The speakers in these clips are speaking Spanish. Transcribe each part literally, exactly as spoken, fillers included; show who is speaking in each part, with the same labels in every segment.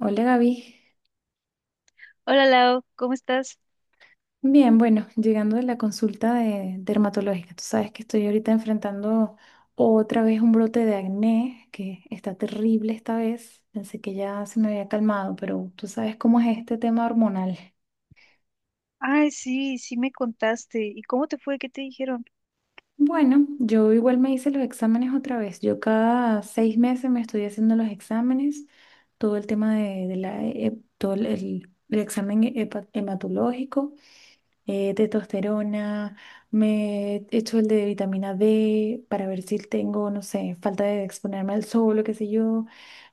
Speaker 1: Hola Gaby.
Speaker 2: Hola Lau, ¿cómo estás?
Speaker 1: Bien, bueno, llegando de la consulta de dermatológica, tú sabes que estoy ahorita enfrentando otra vez un brote de acné que está terrible esta vez. Pensé que ya se me había calmado, pero tú sabes cómo es este tema hormonal.
Speaker 2: Ay, sí, sí me contaste. ¿Y cómo te fue? ¿Qué te dijeron?
Speaker 1: Bueno, yo igual me hice los exámenes otra vez. Yo cada seis meses me estoy haciendo los exámenes, todo el tema de, de la, he- todo el, el- el examen hepa- hematológico. Eh, testosterona, me echo el de vitamina D para ver si tengo, no sé, falta de exponerme al sol o qué sé yo.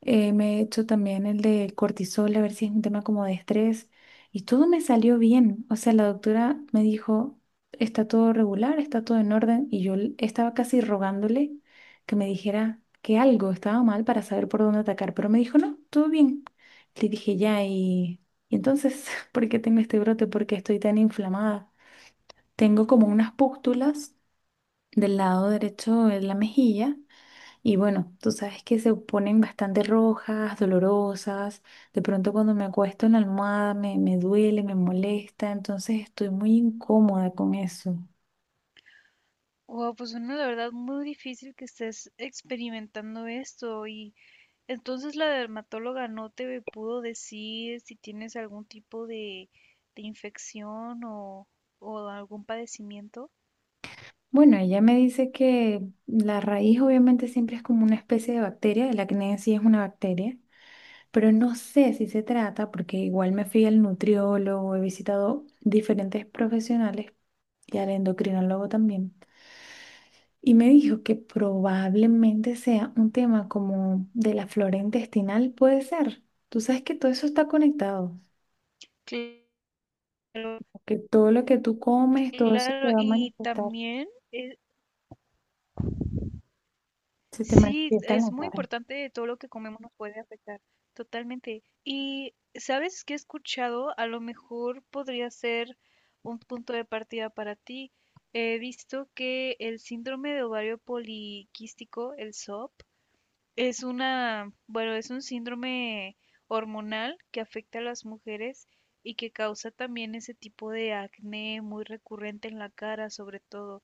Speaker 1: Eh, me echo también el de cortisol, a ver si es un tema como de estrés. Y todo me salió bien. O sea, la doctora me dijo, está todo regular, está todo en orden. Y yo l- estaba casi rogándole que me dijera que algo estaba mal para saber por dónde atacar. Pero me dijo, no, todo bien. Le dije, ya, y... Y entonces, ¿por qué tengo este brote? ¿Por qué estoy tan inflamada? Tengo como unas pústulas del lado derecho de la mejilla y bueno, tú sabes que se ponen bastante rojas, dolorosas. De pronto cuando me acuesto en la almohada me, me duele, me molesta, entonces estoy muy incómoda con eso.
Speaker 2: Wow, pues bueno, la verdad muy difícil que estés experimentando esto. Y entonces la dermatóloga no te pudo decir si tienes algún tipo de, de infección o, o algún padecimiento.
Speaker 1: Bueno, ella me dice que la raíz obviamente siempre es como una especie de bacteria, el acné en sí es una bacteria, pero no sé si se trata, porque igual me fui al nutriólogo, he visitado diferentes profesionales y al endocrinólogo también, y me dijo que probablemente sea un tema como de la flora intestinal, puede ser. Tú sabes que todo eso está conectado,
Speaker 2: Cl- Claro,
Speaker 1: que todo lo que tú comes, todo eso te
Speaker 2: claro.
Speaker 1: va a
Speaker 2: Y
Speaker 1: manifestar,
Speaker 2: también
Speaker 1: se te
Speaker 2: sí,
Speaker 1: manifiesta en
Speaker 2: es
Speaker 1: la
Speaker 2: muy
Speaker 1: cara.
Speaker 2: importante todo lo que comemos nos puede afectar, totalmente. Y sabes que he escuchado, a lo mejor podría ser un punto de partida para ti. He visto que el síndrome de ovario poliquístico, el S O P, es una, bueno, es un síndrome hormonal que afecta a las mujeres y que causa también ese tipo de acné muy recurrente en la cara, sobre todo.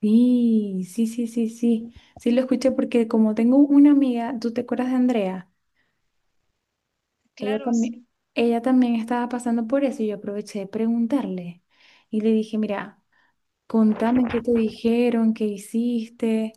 Speaker 1: Sí, sí, sí, sí, sí, sí lo escuché porque como tengo una amiga, ¿tú te acuerdas de Andrea? Ella
Speaker 2: Claro,
Speaker 1: también,
Speaker 2: sí.
Speaker 1: ella también estaba pasando por eso y yo aproveché de preguntarle y le dije, mira, contame qué te dijeron, qué hiciste.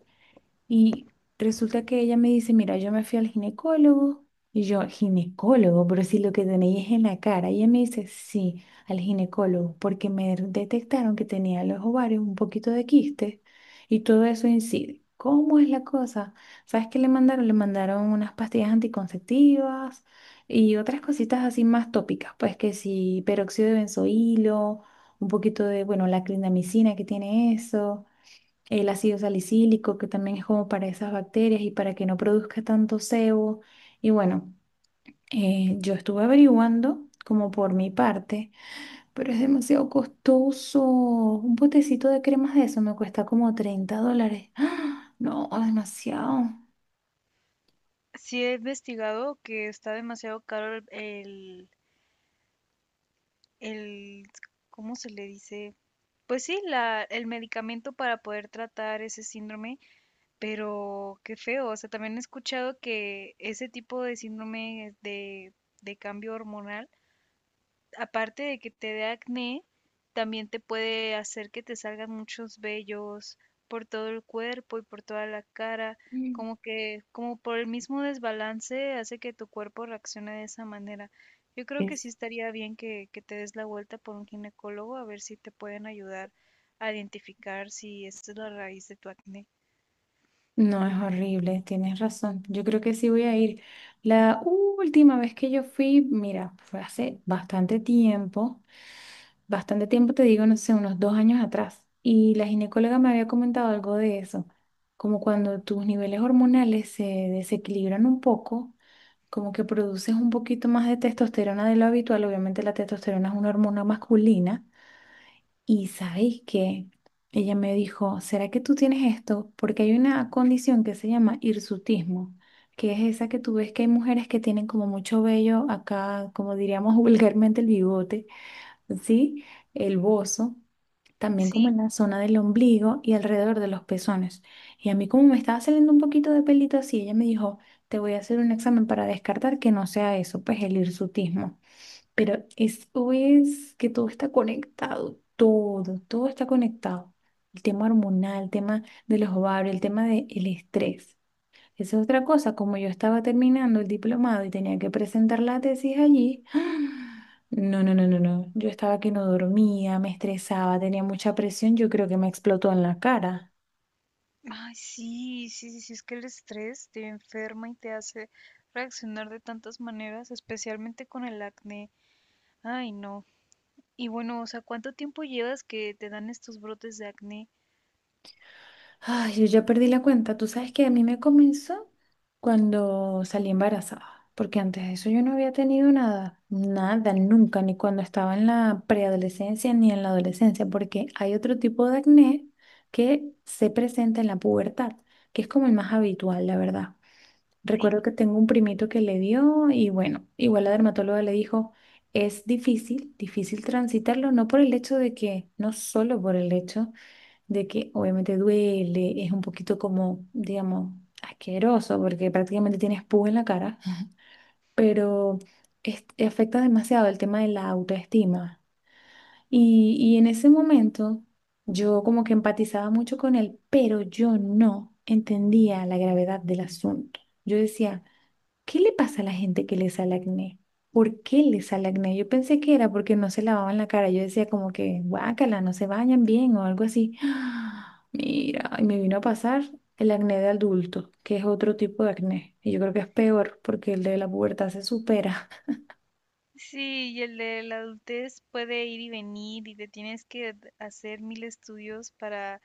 Speaker 1: Y resulta que ella me dice, mira, yo me fui al ginecólogo. Y yo, ginecólogo, pero si lo que tenéis es en la cara. Y ella me dice, sí, al ginecólogo, porque me detectaron que tenía en los ovarios un poquito de quiste y todo eso incide. ¿Cómo es la cosa? ¿Sabes qué le mandaron? Le mandaron unas pastillas anticonceptivas y otras cositas así más tópicas, pues que sí, peróxido de benzoilo, un poquito de, bueno, la clindamicina que tiene eso, el ácido salicílico, que también es como para esas bacterias y para que no produzca tanto sebo. Y bueno, eh, yo estuve averiguando como por mi parte, pero es demasiado costoso. Un potecito de cremas de eso me cuesta como treinta dólares. ¡Ah! No, demasiado.
Speaker 2: Sí he investigado que está demasiado caro el, el, el- ¿cómo se le dice? Pues sí, la, el medicamento para poder tratar ese síndrome, pero qué feo. O sea, también he escuchado que ese tipo de síndrome de, de cambio hormonal, aparte de que te dé acné, también te puede hacer que te salgan muchos vellos por todo el cuerpo y por toda la cara,
Speaker 1: Mm.
Speaker 2: como que, como por el mismo desbalance hace que tu cuerpo reaccione de esa manera. Yo creo que sí
Speaker 1: Es-
Speaker 2: estaría bien que, que te des la vuelta por un ginecólogo a ver si te pueden ayudar a identificar si esta es la raíz de tu acné.
Speaker 1: No, es horrible, tienes razón. Yo creo que sí voy a ir. La última vez que yo fui, mira, fue hace bastante tiempo, bastante tiempo, te digo, no sé, unos dos años atrás. Y la ginecóloga me había comentado algo de eso, como cuando tus niveles hormonales se desequilibran un poco, como que produces un poquito más de testosterona de lo habitual. Obviamente la testosterona es una hormona masculina. Y sabéis que ella me dijo, ¿será que tú tienes esto? Porque hay una condición que se llama hirsutismo, que es esa que tú ves que hay mujeres que tienen como mucho vello acá, como diríamos vulgarmente el bigote, ¿sí? El bozo, también como en
Speaker 2: Sí,
Speaker 1: la zona del ombligo y alrededor de los pezones. Y a mí como me estaba saliendo un poquito de pelito así, ella me dijo, te voy a hacer un examen para descartar que no sea eso, pues el hirsutismo. Pero es, es que todo está conectado, todo, todo está conectado. El tema hormonal, el tema de los ovarios, el tema del estrés. Esa es otra cosa, como yo estaba terminando el diplomado y tenía que presentar la tesis allí, no, no, no, no, no, yo estaba que no dormía, me estresaba, tenía mucha presión, yo creo que me explotó en la cara.
Speaker 2: ay, sí, sí, sí, sí, es que el estrés te enferma y te hace reaccionar de tantas maneras, especialmente con el acné. Ay, no. Y bueno, o sea, ¿cuánto tiempo llevas que te dan estos brotes de acné?
Speaker 1: Ay, yo ya perdí la cuenta. Tú sabes que a mí me comenzó cuando salí embarazada, porque antes de eso yo no había tenido nada, nada, nunca, ni cuando estaba en la preadolescencia ni en la adolescencia, porque hay otro tipo de acné que se presenta en la pubertad, que es como el más habitual, la verdad.
Speaker 2: Sí.
Speaker 1: Recuerdo que tengo un primito que le dio y bueno, igual la dermatóloga le dijo, es difícil, difícil transitarlo, no por el hecho de que, no solo por el hecho de que obviamente duele, es un poquito como, digamos, asqueroso porque prácticamente tienes pus en la cara, pero es- afecta demasiado el tema de la autoestima. Y, y en ese momento yo como que empatizaba mucho con él, pero yo no entendía la gravedad del asunto. Yo decía, ¿qué le pasa a la gente que le sale acné? ¿Por qué le sale acné? Yo pensé que era porque no se lavaban la cara. Yo decía como que, guácala, no se bañan bien o algo así. Mira, y me vino a pasar el acné de adulto, que es otro tipo de acné. Y yo creo que es peor porque el de la pubertad se supera.
Speaker 2: Sí, y el de la adultez puede ir y venir y te tienes que d- hacer mil estudios para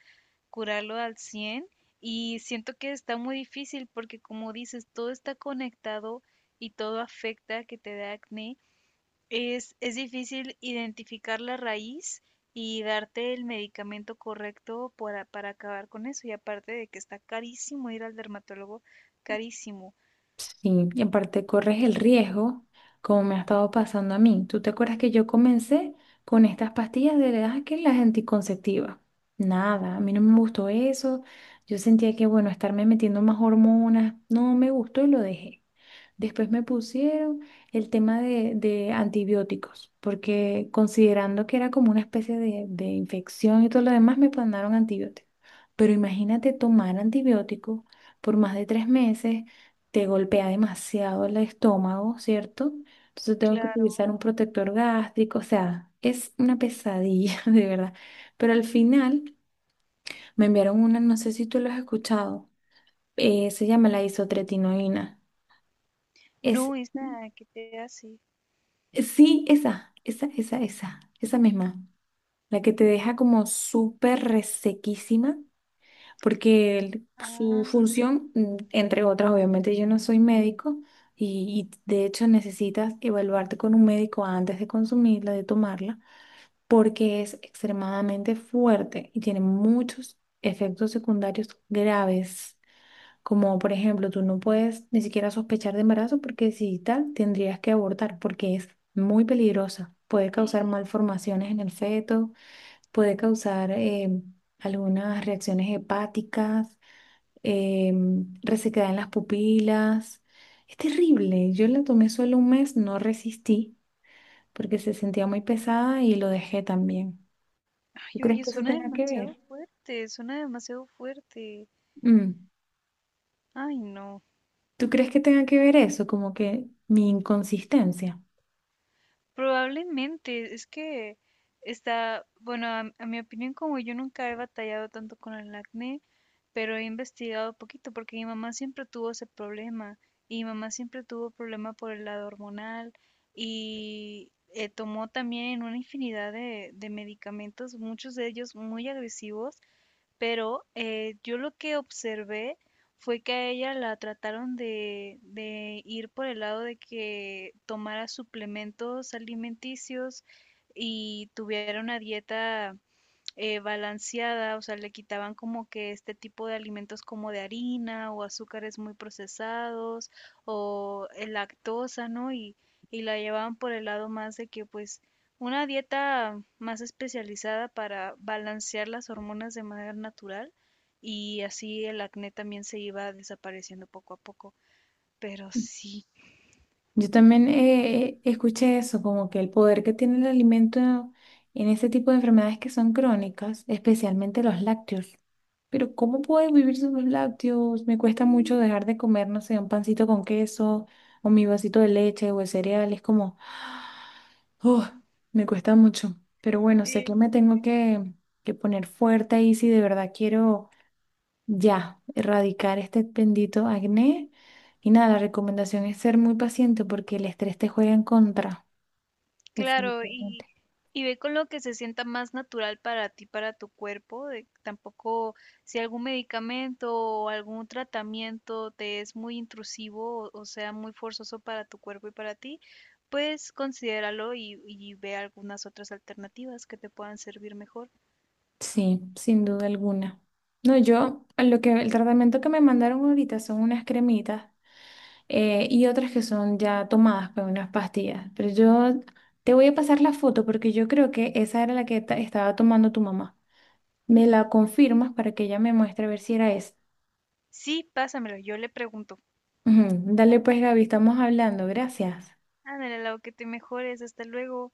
Speaker 2: curarlo al cien, y siento que está muy difícil porque, como dices, todo está conectado y todo afecta que te dé acné. Es, es difícil identificar la raíz y darte el medicamento correcto para, para acabar con eso. Y aparte de que está carísimo ir al dermatólogo, carísimo.
Speaker 1: Sí, y aparte corres el riesgo, como me ha estado pasando a mí. ¿Tú te acuerdas que yo comencé con estas pastillas de edad que las anticonceptivas? Nada, a mí no me gustó eso. Yo sentía que, bueno, estarme metiendo más hormonas, no me gustó y lo dejé. Después me pusieron el tema de, de antibióticos, porque considerando que era como una especie de, de infección y todo lo demás, me mandaron antibióticos. Pero imagínate tomar antibióticos por más de tres meses te golpea demasiado el estómago, ¿cierto? Entonces tengo que
Speaker 2: Claro.
Speaker 1: utilizar un protector gástrico, o sea, es una pesadilla, de verdad. Pero al final me enviaron una, no sé si tú lo has escuchado, eh, se llama la isotretinoína. Es,
Speaker 2: No, esa que te hace.
Speaker 1: sí, esa, esa, esa, esa, esa misma, la que te deja como súper resequísima porque el- su
Speaker 2: Ah,
Speaker 1: función, mm, entre otras, obviamente yo no soy médico y, y de hecho necesitas evaluarte con un médico antes de consumirla, de tomarla, porque es extremadamente fuerte y tiene muchos efectos secundarios graves. Como por ejemplo, tú no puedes ni siquiera sospechar de embarazo porque si tal, tendrías que abortar porque es muy peligrosa. Puede
Speaker 2: sí.
Speaker 1: causar malformaciones en el feto, puede causar eh, algunas reacciones hepáticas, eh, resequedad en las pupilas. Es terrible. Yo la tomé solo un mes, no resistí porque se sentía muy pesada y lo dejé también. ¿Tú
Speaker 2: Ay,
Speaker 1: crees
Speaker 2: oye,
Speaker 1: que eso
Speaker 2: suena
Speaker 1: tenga que
Speaker 2: demasiado
Speaker 1: ver?
Speaker 2: fuerte, suena demasiado fuerte.
Speaker 1: Mm.
Speaker 2: Ay, no.
Speaker 1: ¿Tú crees que tenga que ver eso? Como que mi inconsistencia.
Speaker 2: Probablemente, es que está, bueno, a, a mi opinión, como yo nunca he batallado tanto con el acné, pero he investigado poquito porque mi mamá siempre tuvo ese problema y mi mamá siempre tuvo problema por el lado hormonal y eh, tomó también una infinidad de, de medicamentos, muchos de ellos muy agresivos, pero eh, yo lo que observé fue que a ella la trataron de, de ir por el lado de que tomara suplementos alimenticios y tuviera una dieta eh, balanceada. O sea, le quitaban como que este tipo de alimentos como de harina o azúcares muy procesados o eh, lactosa, ¿no? Y, y la llevaban por el lado más de que pues una dieta más especializada para balancear las hormonas de manera natural, y así el acné también se iba desapareciendo poco a poco. Pero sí,
Speaker 1: Yo también eh, escuché eso, como que el poder que tiene el alimento en ese tipo de enfermedades que son crónicas, especialmente los lácteos. Pero ¿cómo puedo vivir sin los lácteos? Me cuesta mucho dejar de comer, no sé, un pancito con queso o mi vasito de leche o de cereal. Es como, oh, me cuesta mucho. Pero bueno, sé que
Speaker 2: sí,
Speaker 1: me tengo que, que poner fuerte ahí si de verdad quiero ya erradicar este bendito acné. Y nada, la recomendación es ser muy paciente porque el estrés te juega en contra,
Speaker 2: claro. Y,
Speaker 1: definitivamente.
Speaker 2: y ve con lo que se sienta más natural para ti, para tu cuerpo. De- tampoco si algún medicamento o algún tratamiento te es muy intrusivo o, o sea, muy forzoso para tu cuerpo y para ti, pues considéralo y, y ve algunas otras alternativas que te puedan servir mejor.
Speaker 1: Sí, sin duda alguna. No, yo, lo que el tratamiento que me mandaron ahorita son unas cremitas eh, y otras que son ya tomadas con unas pastillas. Pero yo te voy a pasar la foto porque yo creo que esa era la que ta- estaba tomando tu mamá. Me la confirmas para que ella me muestre a ver si era esa.
Speaker 2: Sí, pásamelo, yo le pregunto.
Speaker 1: Ujú. Dale pues, Gaby, estamos hablando. Gracias.
Speaker 2: Ándale, lo que te mejores, hasta luego.